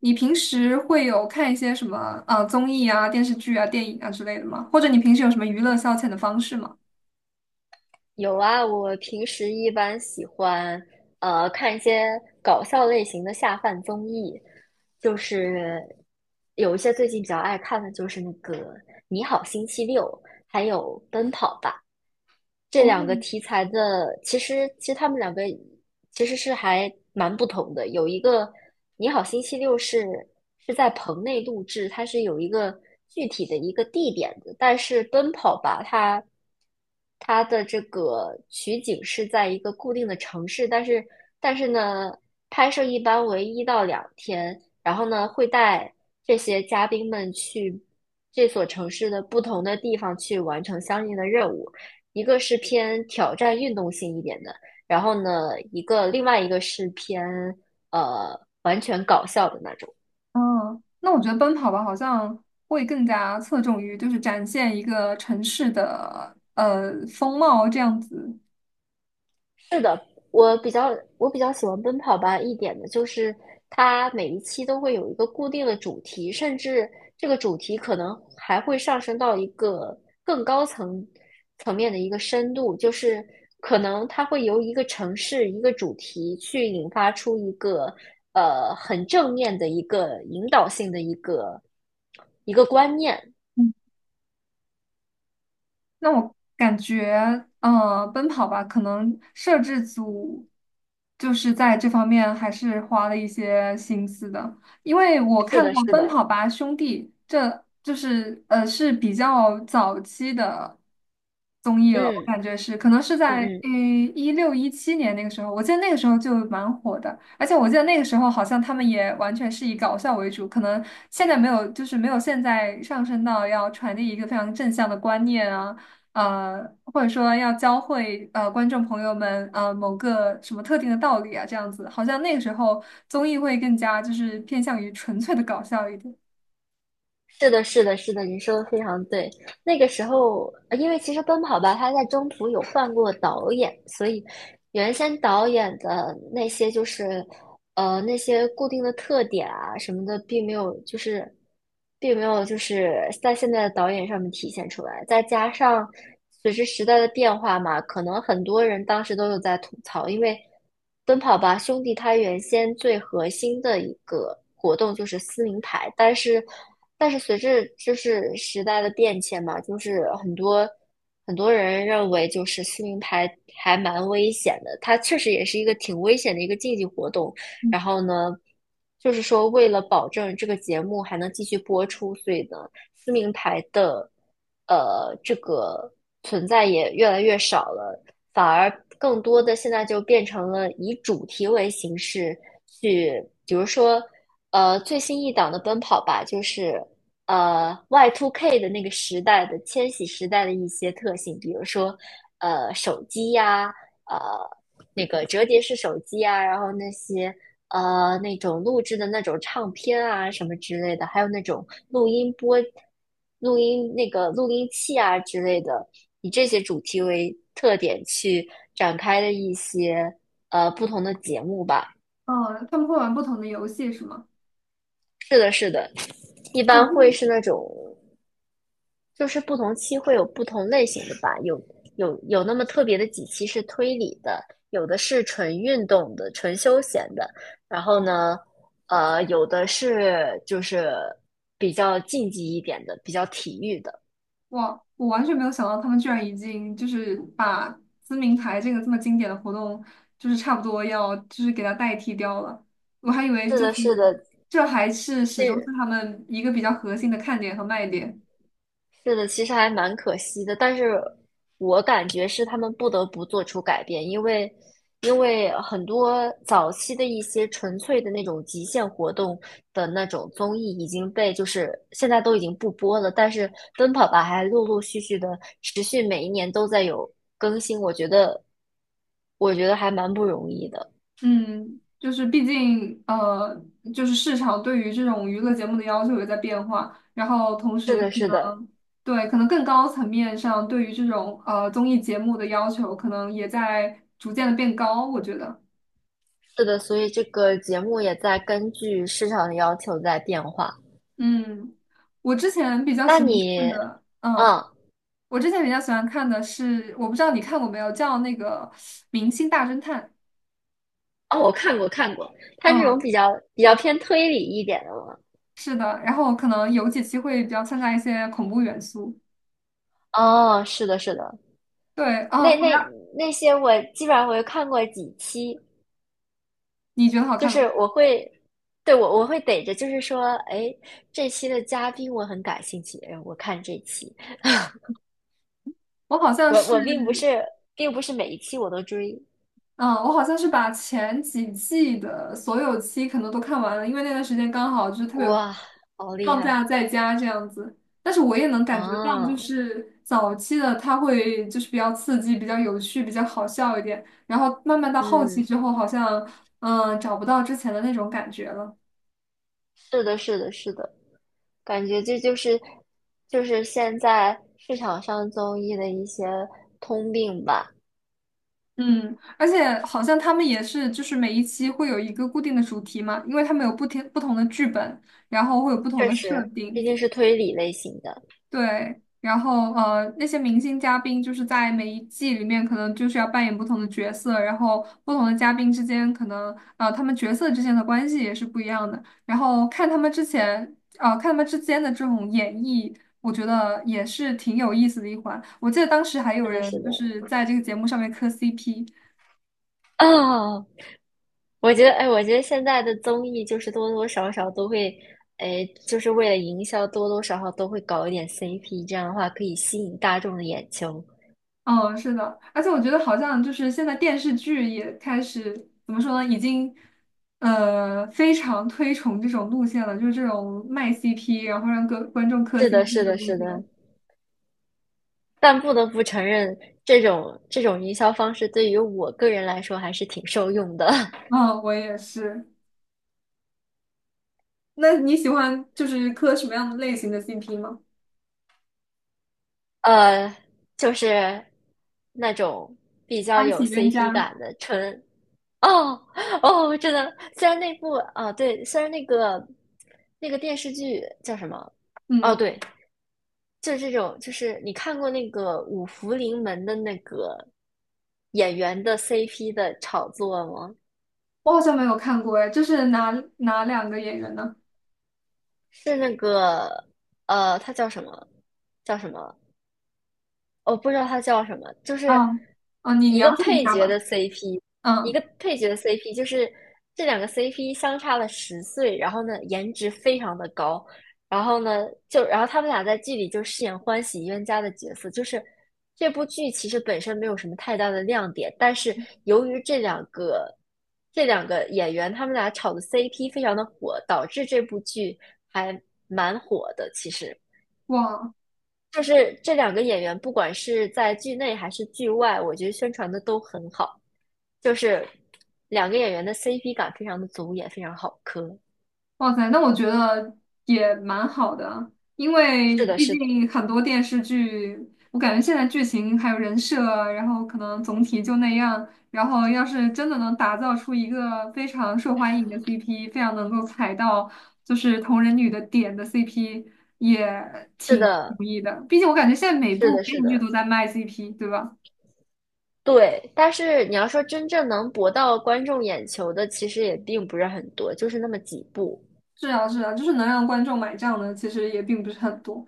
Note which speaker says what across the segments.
Speaker 1: 你平时会有看一些什么综艺啊、电视剧啊、电影啊之类的吗？或者你平时有什么娱乐消遣的方式吗？
Speaker 2: 有啊，我平时一般喜欢看一些搞笑类型的下饭综艺，就是有一些最近比较爱看的就是那个《你好星期六》，还有《奔跑吧》这两
Speaker 1: 哦。
Speaker 2: 个题材的，其实他们两个其实是还蛮不同的。有一个《你好星期六》是在棚内录制，它是有一个具体的一个地点的，但是《奔跑吧》它的这个取景是在一个固定的城市，但是呢，拍摄一般为一到两天，然后呢会带这些嘉宾们去这所城市的不同的地方去完成相应的任务。一个是偏挑战运动性一点的，然后呢，另外一个是偏完全搞笑的那种。
Speaker 1: 嗯，那我觉得奔跑吧好像会更加侧重于展现一个城市的风貌这样子。
Speaker 2: 是的，我比较喜欢奔跑吧一点的就是它每一期都会有一个固定的主题，甚至这个主题可能还会上升到一个更高层面的一个深度，就是可能它会由一个城市一个主题去引发出一个很正面的一个引导性的一个观念。
Speaker 1: 那我感觉，奔跑吧可能摄制组在这方面还是花了一些心思的，因为我
Speaker 2: 是
Speaker 1: 看
Speaker 2: 的，
Speaker 1: 过
Speaker 2: 是
Speaker 1: 《奔
Speaker 2: 的，
Speaker 1: 跑吧兄弟》，这是比较早期的综艺了。我
Speaker 2: 嗯
Speaker 1: 感觉是，可能是
Speaker 2: 嗯
Speaker 1: 在
Speaker 2: 嗯。
Speaker 1: 16、17年那个时候，我记得那个时候就蛮火的，而且我记得那个时候好像他们也完全是以搞笑为主。可能现在没有，没有现在上升到要传递一个非常正向的观念啊。呃，或者说要教会观众朋友们某个什么特定的道理啊，这样子。好像那个时候综艺会更加偏向于纯粹的搞笑一点。
Speaker 2: 是的，是的，是的，你说的非常对。那个时候，因为其实《奔跑吧》它在中途有换过导演，所以原先导演的那些就是，那些固定的特点啊什么的，并没有就是在现在的导演上面体现出来。再加上随着时代的变化嘛，可能很多人当时都有在吐槽，因为《奔跑吧兄弟》它原先最核心的一个活动就是撕名牌，但是随着就是时代的变迁嘛，就是很多。很多人认为就是撕名牌还蛮危险的，它确实也是一个挺危险的一个竞技活动。然后呢，就是说为了保证这个节目还能继续播出，所以呢，撕名牌的这个存在也越来越少了，反而更多的现在就变成了以主题为形式去，比如说最新一档的《奔跑吧》就是。Y2K 的那个时代的千禧时代的一些特性，比如说手机呀、呃那个折叠式手机啊，然后那些那种录制的那种唱片啊什么之类的，还有那种录音那个录音器啊之类的，以这些主题为特点去展开的一些不同的节目吧。
Speaker 1: 嗯，他们会玩不同的游戏是吗？
Speaker 2: 是的，是的，一
Speaker 1: 啊，
Speaker 2: 般
Speaker 1: 就
Speaker 2: 会
Speaker 1: 是。
Speaker 2: 是那种。就是不同期会有不同类型的吧，有那么特别的几期是推理的，有的是纯运动的、纯休闲的，然后呢，有的是就是比较竞技一点的、比较体育的。
Speaker 1: 哇，我完全没有想到他们居然已经把撕名牌这个这么经典的活动，差不多要给它代替掉了。我还以为
Speaker 2: 是的，是的，
Speaker 1: 这还是始终是
Speaker 2: 这
Speaker 1: 他们一个比较核心的看点和卖点。
Speaker 2: 是的，其实还蛮可惜的，但是我感觉是他们不得不做出改变，因为很多早期的一些纯粹的那种极限活动的那种综艺已经被就是现在都已经不播了，但是《奔跑吧》还陆陆续续的持续每一年都在有更新，我觉得还蛮不容易的。
Speaker 1: 嗯，毕竟市场对于这种娱乐节目的要求也在变化，然后同
Speaker 2: 是
Speaker 1: 时
Speaker 2: 的，
Speaker 1: 可
Speaker 2: 是的，
Speaker 1: 能对，可能更高层面上对于这种综艺节目的要求可能也在逐渐的变高，我觉得。
Speaker 2: 是的，所以这个节目也在根据市场的要求在变化。
Speaker 1: 嗯，我之前比较
Speaker 2: 那
Speaker 1: 喜欢
Speaker 2: 你，
Speaker 1: 看的，嗯，
Speaker 2: 嗯，
Speaker 1: 我之前比较喜欢看的是，我不知道你看过没有，叫那个《明星大侦探》。
Speaker 2: 哦，我看过看过，它这种
Speaker 1: 嗯，
Speaker 2: 比较偏推理一点的嘛。
Speaker 1: 是的，然后可能有几期会比较掺杂一些恐怖元素。
Speaker 2: 哦，是的，是的，
Speaker 1: 对。啊，
Speaker 2: 那那那些我基本上我有看过几期，
Speaker 1: 你觉得好
Speaker 2: 就
Speaker 1: 看
Speaker 2: 是
Speaker 1: 吗？
Speaker 2: 我会，对，我会逮着，就是说，哎，这期的嘉宾我很感兴趣，哎我看这期，
Speaker 1: 我好像
Speaker 2: 我并不
Speaker 1: 是，
Speaker 2: 是并不是每一期我都追，
Speaker 1: 嗯，我好像是把前几季的所有期可能都看完了，因为那段时间刚好特别
Speaker 2: 哇，好厉
Speaker 1: 放
Speaker 2: 害
Speaker 1: 假在家这样子。但是我也能感觉到，
Speaker 2: 啊！
Speaker 1: 早期的它会比较刺激、比较有趣、比较好笑一点，然后慢慢到后期
Speaker 2: 嗯，
Speaker 1: 之后，好像找不到之前的那种感觉了。
Speaker 2: 是的，是的，是的，感觉这就是现在市场上综艺的一些通病吧。
Speaker 1: 嗯，而且好像他们也是，每一期会有一个固定的主题嘛，因为他们有不同的剧本，然后会有不同
Speaker 2: 确
Speaker 1: 的设
Speaker 2: 实，毕
Speaker 1: 定。
Speaker 2: 竟是推理类型的，
Speaker 1: 对，然后那些明星嘉宾在每一季里面，可能要扮演不同的角色，然后不同的嘉宾之间，可能他们角色之间的关系也是不一样的。然后看他们之前，看他们之间的这种演绎，我觉得也是挺有意思的一环。我记得当时还有
Speaker 2: 是的，是
Speaker 1: 人
Speaker 2: 的。
Speaker 1: 在这个节目上面磕 CP。
Speaker 2: 哦，我觉得，哎，我觉得现在的综艺就是多多少少都会，哎，就是为了营销，多多少少都会搞一点 CP，这样的话可以吸引大众的眼球。
Speaker 1: 嗯，是的，而且我觉得好像现在电视剧也开始怎么说呢，已经非常推崇这种路线了，就是这种卖 CP，然后让各观众磕
Speaker 2: 是的，
Speaker 1: CP
Speaker 2: 是
Speaker 1: 的
Speaker 2: 的，
Speaker 1: 路
Speaker 2: 是的。
Speaker 1: 线。
Speaker 2: 但不得不承认，这种营销方式对于我个人来说还是挺受用的。
Speaker 1: 嗯，我也是。那你喜欢磕什么样的类型的 CP 吗？
Speaker 2: 呃，就是那种比较
Speaker 1: 欢
Speaker 2: 有
Speaker 1: 喜冤
Speaker 2: CP
Speaker 1: 家。
Speaker 2: 感的纯 哦哦，真的，虽然那部啊，对，虽然那个电视剧叫什么？哦，
Speaker 1: 嗯，
Speaker 2: 对，就是这种，就是你看过那个五福临门的那个演员的 CP 的炒作吗？
Speaker 1: 我好像没有看过哎，这是哪哪两个演员呢？
Speaker 2: 是那个他叫什么？叫什么？我不知道它叫什么，就是
Speaker 1: 啊，啊，你
Speaker 2: 一个
Speaker 1: 描述一
Speaker 2: 配
Speaker 1: 下
Speaker 2: 角的
Speaker 1: 吧。
Speaker 2: CP，一
Speaker 1: 嗯。
Speaker 2: 个配角的 CP，就是这两个 CP 相差了十岁，然后呢颜值非常的高，然后呢就然后他们俩在剧里就饰演欢喜冤家的角色，就是这部剧其实本身没有什么太大的亮点，但是由于这两个演员他们俩炒的 CP 非常的火，导致这部剧还蛮火的，其实。
Speaker 1: 哇。
Speaker 2: 就是这两个演员，不管是在剧内还是剧外，我觉得宣传的都很好，就是两个演员的 CP 感非常的足，也非常好磕。
Speaker 1: 哇塞，那我觉得也蛮好的啊，因为
Speaker 2: 是的，
Speaker 1: 毕
Speaker 2: 是的，
Speaker 1: 竟很多电视剧，我感觉现在剧情还有人设啊，然后可能总体就那样。然后要是真的能打造出一个非常受欢迎的 CP，非常能够踩到同人女的点的 CP，也
Speaker 2: 是
Speaker 1: 挺不
Speaker 2: 的，
Speaker 1: 容易的。毕竟我感觉现在每
Speaker 2: 是
Speaker 1: 部
Speaker 2: 的，
Speaker 1: 电
Speaker 2: 是
Speaker 1: 视剧
Speaker 2: 的，
Speaker 1: 都在卖 CP，对吧？
Speaker 2: 对。但是你要说真正能博到观众眼球的，其实也并不是很多，就是那么几部。
Speaker 1: 是啊，是啊，能让观众买账的，其实也并不是很多。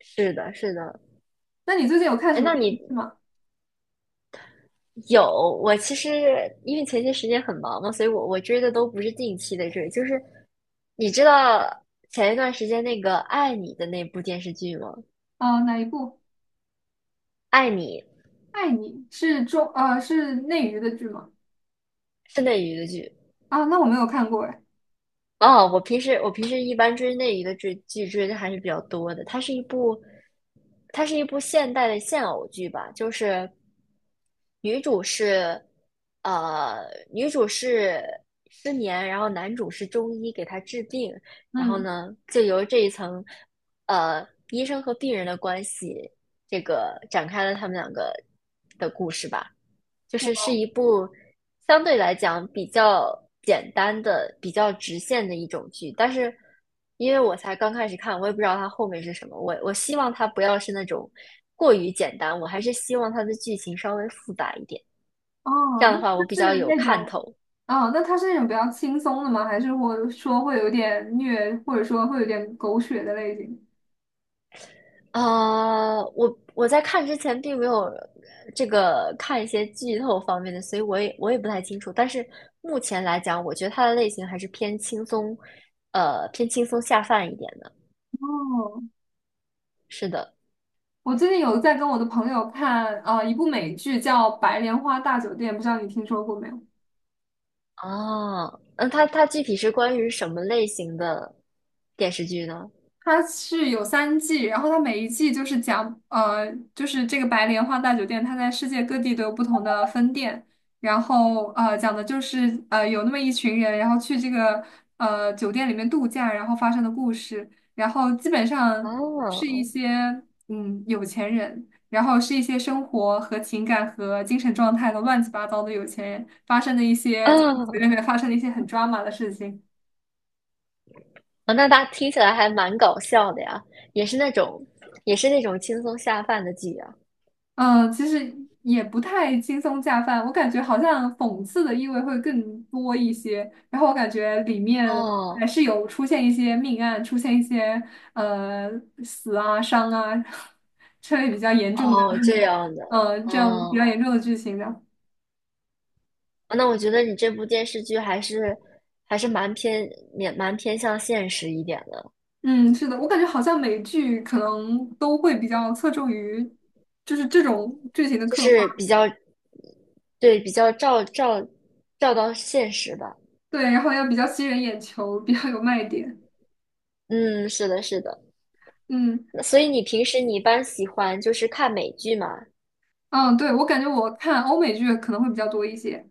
Speaker 2: 是的，是的。
Speaker 1: 那你最近有看
Speaker 2: 哎，
Speaker 1: 什么
Speaker 2: 那
Speaker 1: 电视
Speaker 2: 你
Speaker 1: 剧吗？
Speaker 2: 有，我其实因为前些时间很忙嘛，所以我追的都不是近期的追，就是你知道前一段时间那个《爱你》的那部电视剧吗？
Speaker 1: 啊、哪一部？
Speaker 2: 《爱你》
Speaker 1: 爱你是是内娱的剧吗？
Speaker 2: 是内娱的剧，
Speaker 1: 啊，那我没有看过哎。
Speaker 2: 哦，我平时一般追那一个追剧追的还是比较多的。它是一部现代的现偶剧吧，就是女主是，呃，女主是失眠，然后男主是中医给她治病，然后
Speaker 1: 嗯，
Speaker 2: 呢，就由这一层，医生和病人的关系，这个展开了他们两个的故事吧。就
Speaker 1: 我。
Speaker 2: 是是一部相对来讲比较简单的、比较直线的一种剧，但是因为我才刚开始看，我也不知道它后面是什么。我希望它不要是那种过于简单，我还是希望它的剧情稍微复杂一点，
Speaker 1: 哦，
Speaker 2: 这样
Speaker 1: 那
Speaker 2: 的话我
Speaker 1: 它
Speaker 2: 比较
Speaker 1: 是
Speaker 2: 有
Speaker 1: 那种？
Speaker 2: 看头。
Speaker 1: 哦，那它是那种比较轻松的吗？还是或者说会有点虐，或者说会有点狗血的类型？
Speaker 2: 啊、我在看之前并没有看一些剧透方面的，所以我也不太清楚。但是目前来讲，我觉得它的类型还是偏轻松，偏轻松下饭一点的。
Speaker 1: 哦，
Speaker 2: 是的，
Speaker 1: 我最近有在跟我的朋友看一部美剧叫《白莲花大酒店》，不知道你听说过没有？
Speaker 2: 哦，那它具体是关于什么类型的电视剧呢？
Speaker 1: 它是有3季，然后它每一季就是讲，这个白莲花大酒店，它在世界各地都有不同的分店，然后讲的就是有那么一群人，然后去这个酒店里面度假，然后发生的故事，然后基本上是一
Speaker 2: 哦，
Speaker 1: 些有钱人，然后是一些生活和情感和精神状态都乱七八糟的有钱人发生的一些酒
Speaker 2: 哦，
Speaker 1: 店里面发生的一些很抓马的事情。
Speaker 2: 哦那它听起来还蛮搞笑的呀，也是那种，也是那种轻松下饭的剧啊。
Speaker 1: 嗯，其实也不太轻松下饭，我感觉好像讽刺的意味会更多一些。然后我感觉里面
Speaker 2: 哦，
Speaker 1: 还是有出现一些命案，出现一些呃死啊、伤啊 这类比较严重的，
Speaker 2: 哦，这样的，
Speaker 1: 嗯，这样比较
Speaker 2: 哦，
Speaker 1: 严重的剧情的。
Speaker 2: 哦那我觉得你这部电视剧还是蛮偏向现实一点的，
Speaker 1: 嗯，是的，我感觉好像美剧可能都会比较侧重于这种剧情的
Speaker 2: 就
Speaker 1: 刻
Speaker 2: 是
Speaker 1: 画，
Speaker 2: 比较，对，比较照到现实吧。
Speaker 1: 对，然后要比较吸人眼球，比较有卖点。
Speaker 2: 嗯，是的，是的。
Speaker 1: 嗯。
Speaker 2: 那所以你平时你一般喜欢就是看美剧吗？
Speaker 1: 嗯，对，我感觉我看欧美剧可能会比较多一些。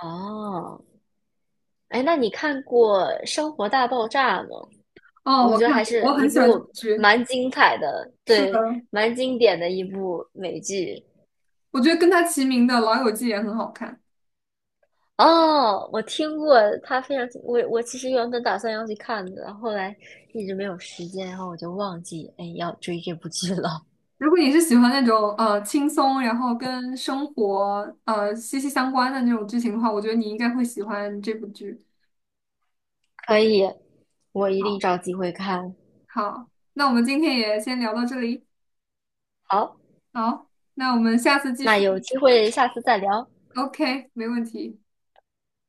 Speaker 2: 哦，哎，那你看过《生活大爆炸》吗？
Speaker 1: 哦，
Speaker 2: 我
Speaker 1: 我
Speaker 2: 觉得
Speaker 1: 看
Speaker 2: 还
Speaker 1: 过，
Speaker 2: 是
Speaker 1: 我
Speaker 2: 一
Speaker 1: 很喜欢这
Speaker 2: 部
Speaker 1: 部剧。
Speaker 2: 蛮精彩的，
Speaker 1: 是的，
Speaker 2: 对，蛮经典的一部美剧。
Speaker 1: 我觉得跟它齐名的《老友记》也很好看。
Speaker 2: 哦，我听过它非常，我其实原本打算要去看的，后来一直没有时间，然后我就忘记，哎，要追这部剧了。
Speaker 1: 如果你是喜欢那种轻松，然后跟生活息息相关的那种剧情的话，我觉得你应该会喜欢这部剧。
Speaker 2: 可以，我一定
Speaker 1: 好，
Speaker 2: 找机会看。
Speaker 1: 好，那我们今天也先聊到这里。
Speaker 2: 好，
Speaker 1: 好，那我们下次继
Speaker 2: 那
Speaker 1: 续。
Speaker 2: 有机会下次再聊，
Speaker 1: OK，没问题，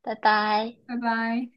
Speaker 2: 拜拜。
Speaker 1: 拜拜。